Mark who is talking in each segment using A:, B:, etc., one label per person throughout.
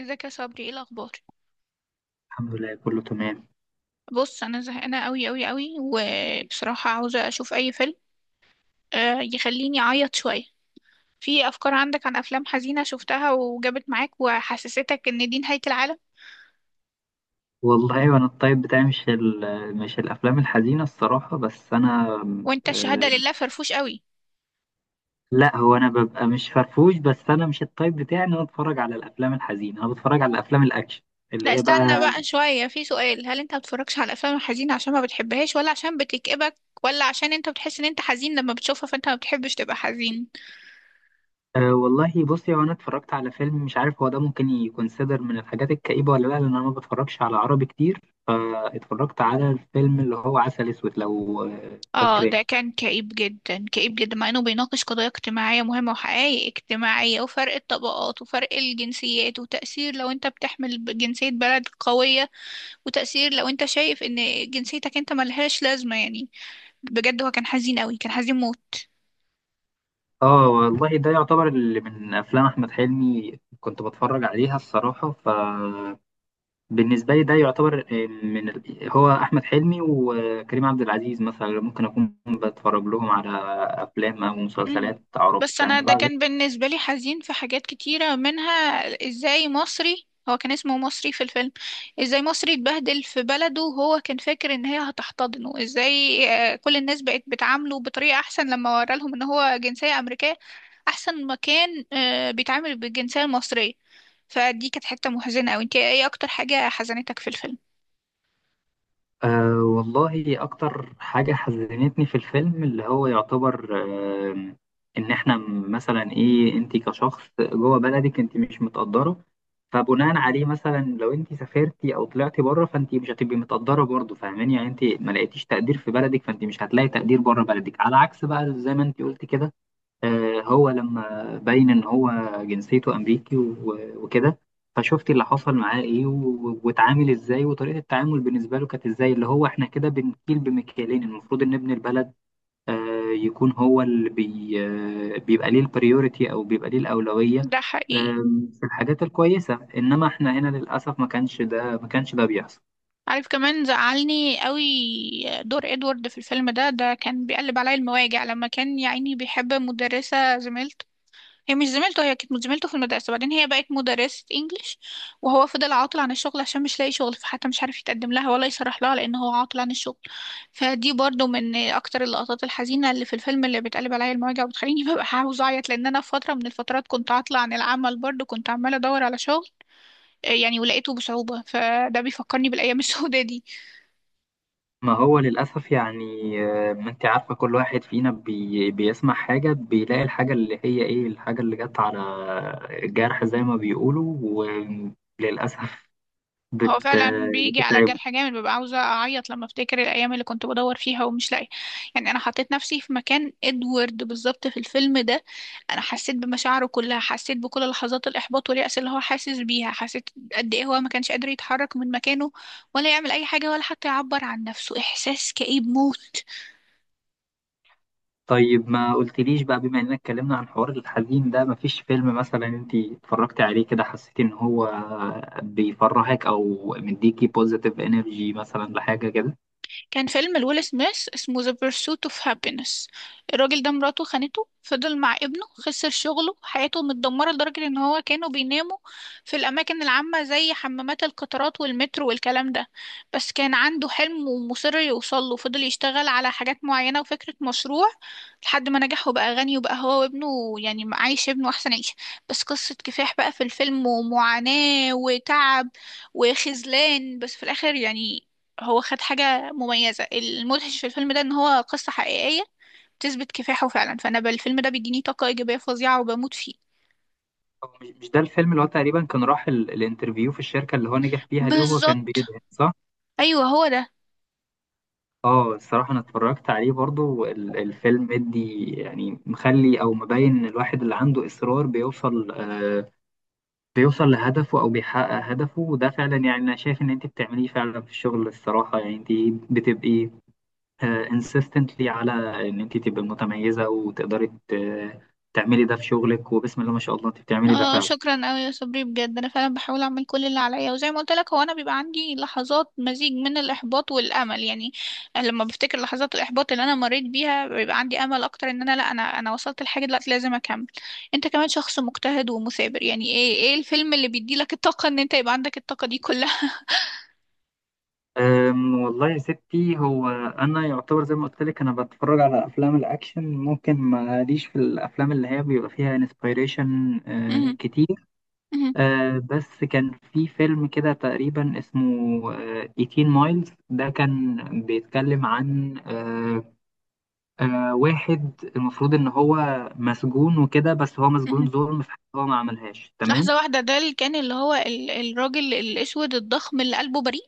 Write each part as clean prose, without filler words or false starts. A: ازيك يا صبري؟ ايه الاخبار؟
B: الحمد لله كله تمام.
A: بص، انا زهقانه قوي قوي قوي وبصراحه عاوزه اشوف اي فيلم يخليني اعيط شويه. في افكار عندك عن افلام حزينه شفتها وجابت معاك وحسستك ان دي نهايه العالم؟
B: والله وانا الطيب بتاعي مش الافلام الحزينه الصراحه، بس انا.
A: وانت الشهاده
B: آه،
A: لله فرفوش قوي.
B: لا، هو انا ببقى مش فرفوش، بس انا مش الطيب بتاعي ان انا اتفرج على الافلام الحزينه، انا بتفرج على الافلام الاكشن
A: لا
B: اللي هي
A: استنى
B: بقى.
A: بقى شويه، في سؤال: هل انت ما بتتفرجش على الافلام الحزينه عشان ما بتحبهاش ولا عشان بتكئبك؟ ولا عشان انت بتحس ان انت حزين لما بتشوفها فانت ما بتحبش تبقى حزين؟
B: والله بصي، هو انا اتفرجت على فيلم مش عارف هو ده ممكن يكونسيدر من الحاجات الكئيبه ولا لا، لان انا ما بتفرجش على عربي كتير. فاتفرجت على الفيلم اللي هو عسل اسود، لو
A: اه
B: فاكراه.
A: ده كان كئيب جدا، كئيب جدا، مع انه بيناقش قضايا اجتماعية مهمة وحقائق اجتماعية وفرق الطبقات وفرق الجنسيات وتأثير لو انت بتحمل جنسية بلد قوية، وتأثير لو انت شايف ان جنسيتك انت ملهاش لازمة يعني. بجد هو كان حزين قوي، كان حزين.
B: اه والله، ده يعتبر اللي من افلام احمد حلمي كنت بتفرج عليها الصراحه. فبالنسبه لي ده يعتبر هو احمد حلمي وكريم عبد العزيز مثلا ممكن اكون بتفرج لهم على افلام او
A: مم.
B: مسلسلات عربي
A: بس انا
B: يعني.
A: ده كان بالنسبه لي حزين في حاجات كتيره، منها ازاي مصري، هو كان اسمه مصري في الفيلم، ازاي مصري اتبهدل في بلده وهو كان فاكر ان هي هتحتضنه، ازاي كل الناس بقت بتعامله بطريقه احسن لما ورا لهم ان هو جنسيه امريكيه احسن ما كان بيتعامل بالجنسيه المصريه. فدي كانت حته محزنه قوي. انت ايه اكتر حاجه حزنتك في الفيلم؟
B: والله، أكتر حاجة حزنتني في الفيلم اللي هو يعتبر أه إن إحنا مثلا، إيه، أنت كشخص جوه بلدك أنت مش متقدرة، فبناء عليه مثلا لو أنت سافرتي أو طلعتي بره فأنت مش هتبقي متقدرة برضه، فاهماني يعني؟ أنت ما لقيتيش تقدير في بلدك فأنت مش هتلاقي تقدير بره بلدك، على عكس بقى زي ما أنت قلت كده. هو لما بين ان هو جنسيته امريكي و- وكده، فشفت اللي حصل معاه ايه و- واتعامل ازاي، وطريقه التعامل بالنسبه له كانت ازاي. اللي هو احنا كده بنكيل بمكيالين، المفروض ان ابن البلد آه، يكون هو اللي بي آه، بيبقى ليه البريوريتي او بيبقى ليه الاولويه
A: ده حقيقي.
B: في الحاجات الكويسه، انما احنا هنا للاسف ما كانش ده بيحصل.
A: عارف كمان زعلني قوي دور ادوارد في الفيلم ده. ده كان بيقلب عليا المواجع لما كان يا عيني بيحب مدرسة زميلته. هي مش زميلته، هي كانت زميلته في المدرسة بعدين هي بقت مدرسة انجليش، وهو فضل عاطل عن الشغل عشان مش لاقي شغل، فحتى مش عارف يتقدم لها ولا يصرح لها لأن هو عاطل عن الشغل. فدي برضو من أكتر اللقطات الحزينة اللي في الفيلم، اللي بتقلب عليا المواجع وبتخليني ببقى عاوزة أعيط، لأن أنا في فترة من الفترات كنت عاطلة عن العمل برضو، كنت عمالة أدور على شغل يعني، ولقيته بصعوبة، فده بيفكرني بالأيام السوداء دي.
B: ما هو للأسف يعني. ما أنت عارفة، كل واحد فينا بيسمع حاجة بيلاقي الحاجة اللي هي إيه، الحاجة اللي جت على الجرح زي ما بيقولوا. وللأسف
A: هو
B: بت
A: فعلا
B: آه،
A: بيجي على
B: بتتعبه.
A: جرح جامد، ببقى عاوزة أعيط لما أفتكر الأيام اللي كنت بدور فيها ومش لاقية يعني. أنا حطيت نفسي في مكان إدوارد بالظبط في الفيلم ده. أنا حسيت بمشاعره كلها، حسيت بكل لحظات الإحباط واليأس اللي هو حاسس بيها، حسيت قد إيه هو ما كانش قادر يتحرك من مكانه ولا يعمل أي حاجة ولا حتى يعبر عن نفسه. إحساس كئيب موت.
B: طيب ما قلتليش بقى، بما إننا اتكلمنا عن حوار الحزين ده، مفيش فيلم مثلا أنت اتفرجتي عليه كده حسيتي إن هو بيفرحك أو مديكي بوزيتيف إنرجي مثلا، لحاجة كده؟
A: كان فيلم لويل سميث اسمه The Pursuit of Happiness. الراجل ده مراته خانته، فضل مع ابنه، خسر شغله، حياته متدمرة لدرجة ان هو كانوا بيناموا في الأماكن العامة زي حمامات القطارات والمترو والكلام ده. بس كان عنده حلم ومصر يوصله، فضل يشتغل على حاجات معينة وفكرة مشروع لحد ما نجح وبقى غني، وبقى هو وابنه يعني عايش ابنه أحسن عيشة. بس قصة كفاح بقى في الفيلم ومعاناة وتعب وخذلان، بس في الآخر يعني هو خد حاجة مميزة. المدهش في الفيلم ده ان هو قصة حقيقية تثبت كفاحه فعلا، فانا بالفيلم ده بيديني طاقة ايجابية فظيعة وبموت فيه.
B: هو مش ده الفيلم اللي هو تقريبا كان راح الانترفيو في الشركة اللي هو نجح فيها دي، وهو كان
A: بالظبط.
B: بيدعي، صح؟
A: ايوه هو ده.
B: اه الصراحة أنا اتفرجت عليه برضو. الفيلم مدي يعني، مخلي أو مبين إن الواحد اللي عنده إصرار بيوصل، بيوصل لهدفه أو بيحقق هدفه. وده فعلا يعني أنا شايف إن أنت بتعمليه فعلا في الشغل، الصراحة يعني أنت بتبقي insistently على إن أنت تبقي متميزة، وتقدري تعملي ده في شغلك. وبسم الله ما شاء الله، أنت بتعملي ده
A: اه
B: فعلا.
A: شكرا قوي يا صبري، بجد انا فعلا بحاول اعمل كل اللي عليا، وزي ما قلت لك هو انا بيبقى عندي لحظات مزيج من الاحباط والامل يعني. لما بفتكر لحظات الاحباط اللي انا مريت بيها بيبقى عندي امل اكتر ان انا، لا انا وصلت لحاجه دلوقتي، لازم اكمل. انت كمان شخص مجتهد ومثابر يعني، ايه ايه الفيلم اللي بيدي لك الطاقه ان انت يبقى عندك الطاقه دي كلها؟
B: والله يا ستي، هو انا يعتبر زي ما قلت لك، انا بتفرج على افلام الاكشن، ممكن ماليش في الافلام اللي هي بيبقى فيها انسبيريشن كتير.
A: مهم.
B: بس كان في فيلم كده تقريبا اسمه 18 مايلز، ده كان بيتكلم عن أه، أه، واحد المفروض ان هو مسجون وكده، بس هو مسجون
A: مهم.
B: ظلم في حاجة هو ما عملهاش، تمام؟
A: لحظة واحدة، ده اللي كان اللي هو الراجل الأسود الضخم اللي قلبه بريء؟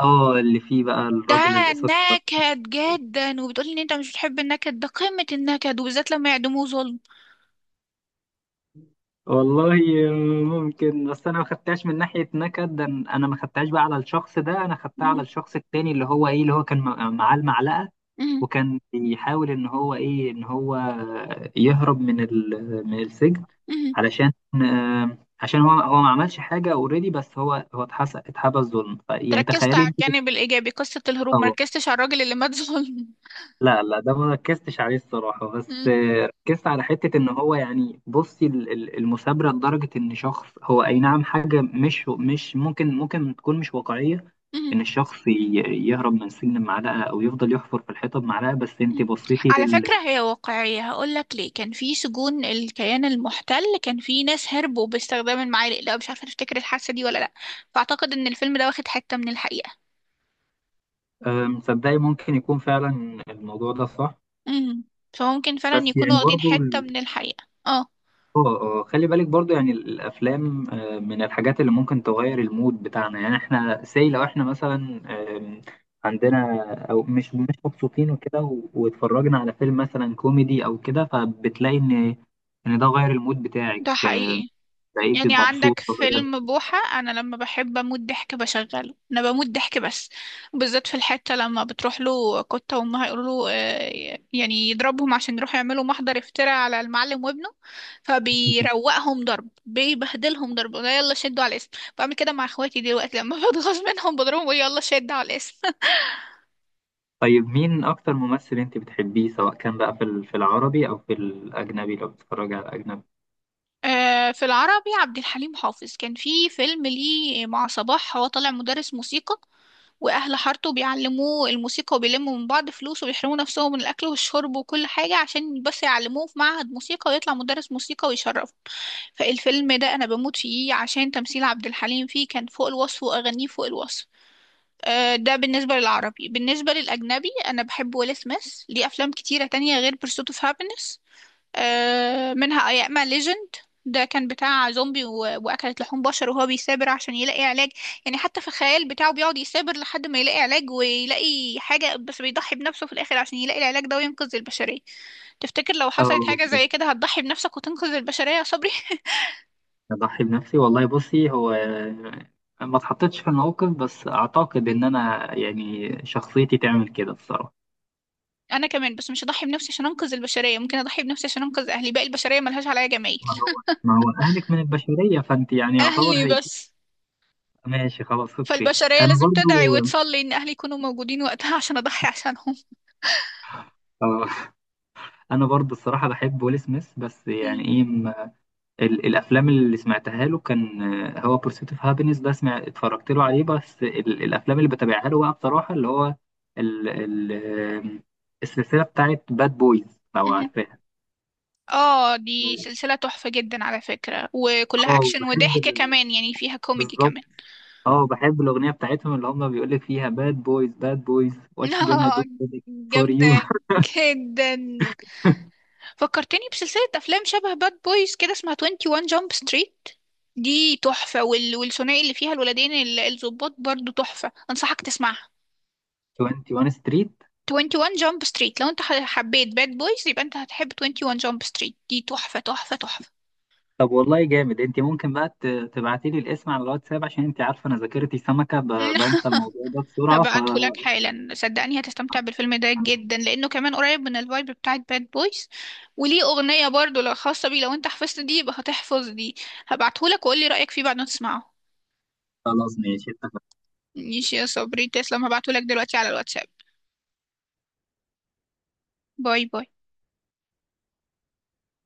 B: اه، اللي فيه بقى
A: ده
B: الراجل الاسود.
A: نكد جدا، وبتقولي إن أنت مش بتحب النكد، ده قمة النكد، وبالذات لما يعدموه ظلم.
B: والله ممكن، بس انا ما خدتهاش من ناحيه نكد، ده انا ما خدتهاش بقى على الشخص ده، انا خدتها على
A: مهم.
B: الشخص التاني اللي هو، ايه، اللي هو كان معاه المعلقه،
A: مهم.
B: وكان بيحاول ان هو، ايه، ان هو يهرب من السجن.
A: مهم.
B: علشان عشان هو ما عملش حاجه اوريدي، بس هو اتحبس ظلم،
A: أنت
B: يعني
A: ركزت
B: تخيلي
A: على
B: انت.
A: الجانب الإيجابي، قصة الهروب، مركزتش على الراجل اللي مات ظلم.
B: لا لا، ده ما ركزتش عليه الصراحة، بس
A: مهم.
B: ركزت على حتة ان هو يعني، بصي، المثابرة لدرجة ان شخص، هو اي نعم حاجة مش ممكن تكون مش واقعية
A: مهم.
B: ان الشخص يهرب من السجن بمعلقة، او يفضل يحفر في الحيطة بمعلقة، بس انت
A: مهم.
B: بصيتي
A: على فكرة
B: لل
A: هي واقعية، هقولك ليه. كان في سجون الكيان المحتل كان في ناس هربوا باستخدام المعالق، لا مش عارفة تفتكر الحادثة دي ولا لأ. فأعتقد إن الفيلم ده واخد حتة من الحقيقة.
B: مصدقي ممكن يكون فعلا الموضوع ده صح.
A: امم فممكن فعلا
B: بس
A: يكونوا
B: يعني
A: واخدين
B: برضه،
A: حتة من الحقيقة، اه.
B: اه اه، خلي بالك برضو، يعني الافلام من الحاجات اللي ممكن تغير المود بتاعنا، يعني احنا لو احنا مثلا آم، عندنا، او مش مبسوطين وكده، و- واتفرجنا على فيلم مثلا كوميدي او كده، فبتلاقي ان ده غير المود بتاعك،
A: ده حقيقي.
B: بقيتي
A: يعني
B: مبسوط
A: عندك
B: بدل.
A: فيلم بوحة، انا لما بحب اموت ضحك بشغله، انا بموت ضحك بس، بالذات في الحتة لما بتروح له كتة وامها يقولوا له يعني يضربهم عشان يروحوا يعملوا محضر افتراء على المعلم وابنه، فبيروقهم ضرب، بيبهدلهم ضرب، يلا شدوا على الاسم. بعمل كده مع اخواتي دلوقتي لما بتغاظ منهم، بضربهم بقول يلا شدوا على الاسم.
B: طيب مين اكتر ممثل انت بتحبيه، سواء كان بقى في العربي او في الاجنبي، لو بتتفرجي على الاجنبي؟
A: في العربي عبد الحليم حافظ كان في فيلم ليه مع صباح، هو طالع مدرس موسيقى واهل حارته بيعلموه الموسيقى وبيلموا من بعض فلوس وبيحرموا نفسهم من الاكل والشرب وكل حاجه عشان بس يعلموه في معهد موسيقى ويطلع مدرس موسيقى ويشرفه. فالفيلم ده انا بموت فيه عشان تمثيل عبد الحليم فيه كان فوق الوصف واغانيه فوق الوصف. ده بالنسبه للعربي. بالنسبه للاجنبي انا بحب ويل سميث، ليه افلام كتيره تانية غير Pursuit of Happiness، منها أياما ليجند. ده كان بتاع زومبي وأكلت لحوم بشر، وهو بيثابر عشان يلاقي علاج، يعني حتى في الخيال بتاعه بيقعد يثابر لحد ما يلاقي علاج ويلاقي حاجة، بس بيضحي بنفسه في الآخر عشان يلاقي العلاج ده وينقذ البشرية. تفتكر لو
B: اه،
A: حصلت حاجة زي كده هتضحي بنفسك وتنقذ البشرية يا صبري؟
B: اضحي بنفسي. والله بصي، هو ما اتحطيتش في الموقف، بس اعتقد ان انا يعني شخصيتي تعمل كده الصراحه.
A: أنا كمان، بس مش هضحي بنفسي عشان أنقذ البشرية، ممكن أضحي بنفسي عشان أنقذ أهلي، باقي البشرية ملهاش عليا جمايل.
B: ما هو ما هو اهلك من البشريه، فانت يعني يعتبر
A: أهلي
B: هيبقى.
A: بس.
B: ماشي، خلاص، اوكي.
A: فالبشرية
B: انا
A: لازم
B: برضو،
A: تدعي وتصلي إن أهلي يكونوا موجودين وقتها عشان أضحي عشانهم.
B: آه، الصراحه بحب ويل سميث. بس يعني، ايه، الافلام اللي سمعتها له كان هو بورسيت اوف هابينس، ده اتفرجت له عليه. بس الافلام اللي بتابعها له بقى بصراحه، اللي هو ال ال آه، السلسله بتاعت باد بويز، لو
A: مم.
B: عارفاها.
A: اه دي سلسلة تحفة جدا على فكرة، وكلها
B: اه،
A: اكشن وضحك كمان، يعني فيها كوميدي
B: بالظبط،
A: كمان.
B: اه، بحب الأغنية بتاعتهم اللي هما بيقولك فيها: باد بويز باد بويز، واتش جانا
A: اه
B: دو فور
A: جامدة
B: يو.
A: جدا. فكرتني بسلسلة افلام شبه باد بويز كده، اسمها 21 جامب ستريت. دي تحفة، والثنائي اللي فيها الولدين الضباط برضو تحفة، انصحك تسمعها.
B: 21 ستريت.
A: 21 جامب ستريت، لو انت حبيت باد بويز يبقى انت هتحب 21 جامب ستريت، دي تحفة تحفة تحفة.
B: طب والله جامد. انت ممكن بقى تبعتي لي الاسم على الواتساب، عشان انت عارفة انا ذاكرتي سمكة، بنسى الموضوع ده بسرعة.
A: هبعته لك حالا، صدقني هتستمتع بالفيلم ده
B: فخلاص،
A: جدا لانه كمان قريب من الفايب بتاعت باد بويز. وليه اغنيه برضو لو خاصه بيه، لو انت حفظت دي يبقى هتحفظ دي. هبعته لك وقول لي رايك فيه بعد ما تسمعه.
B: ماشي، اتفقنا.
A: ماشي يا صبري، تسلم. هبعته لك دلوقتي على الواتساب. باي باي.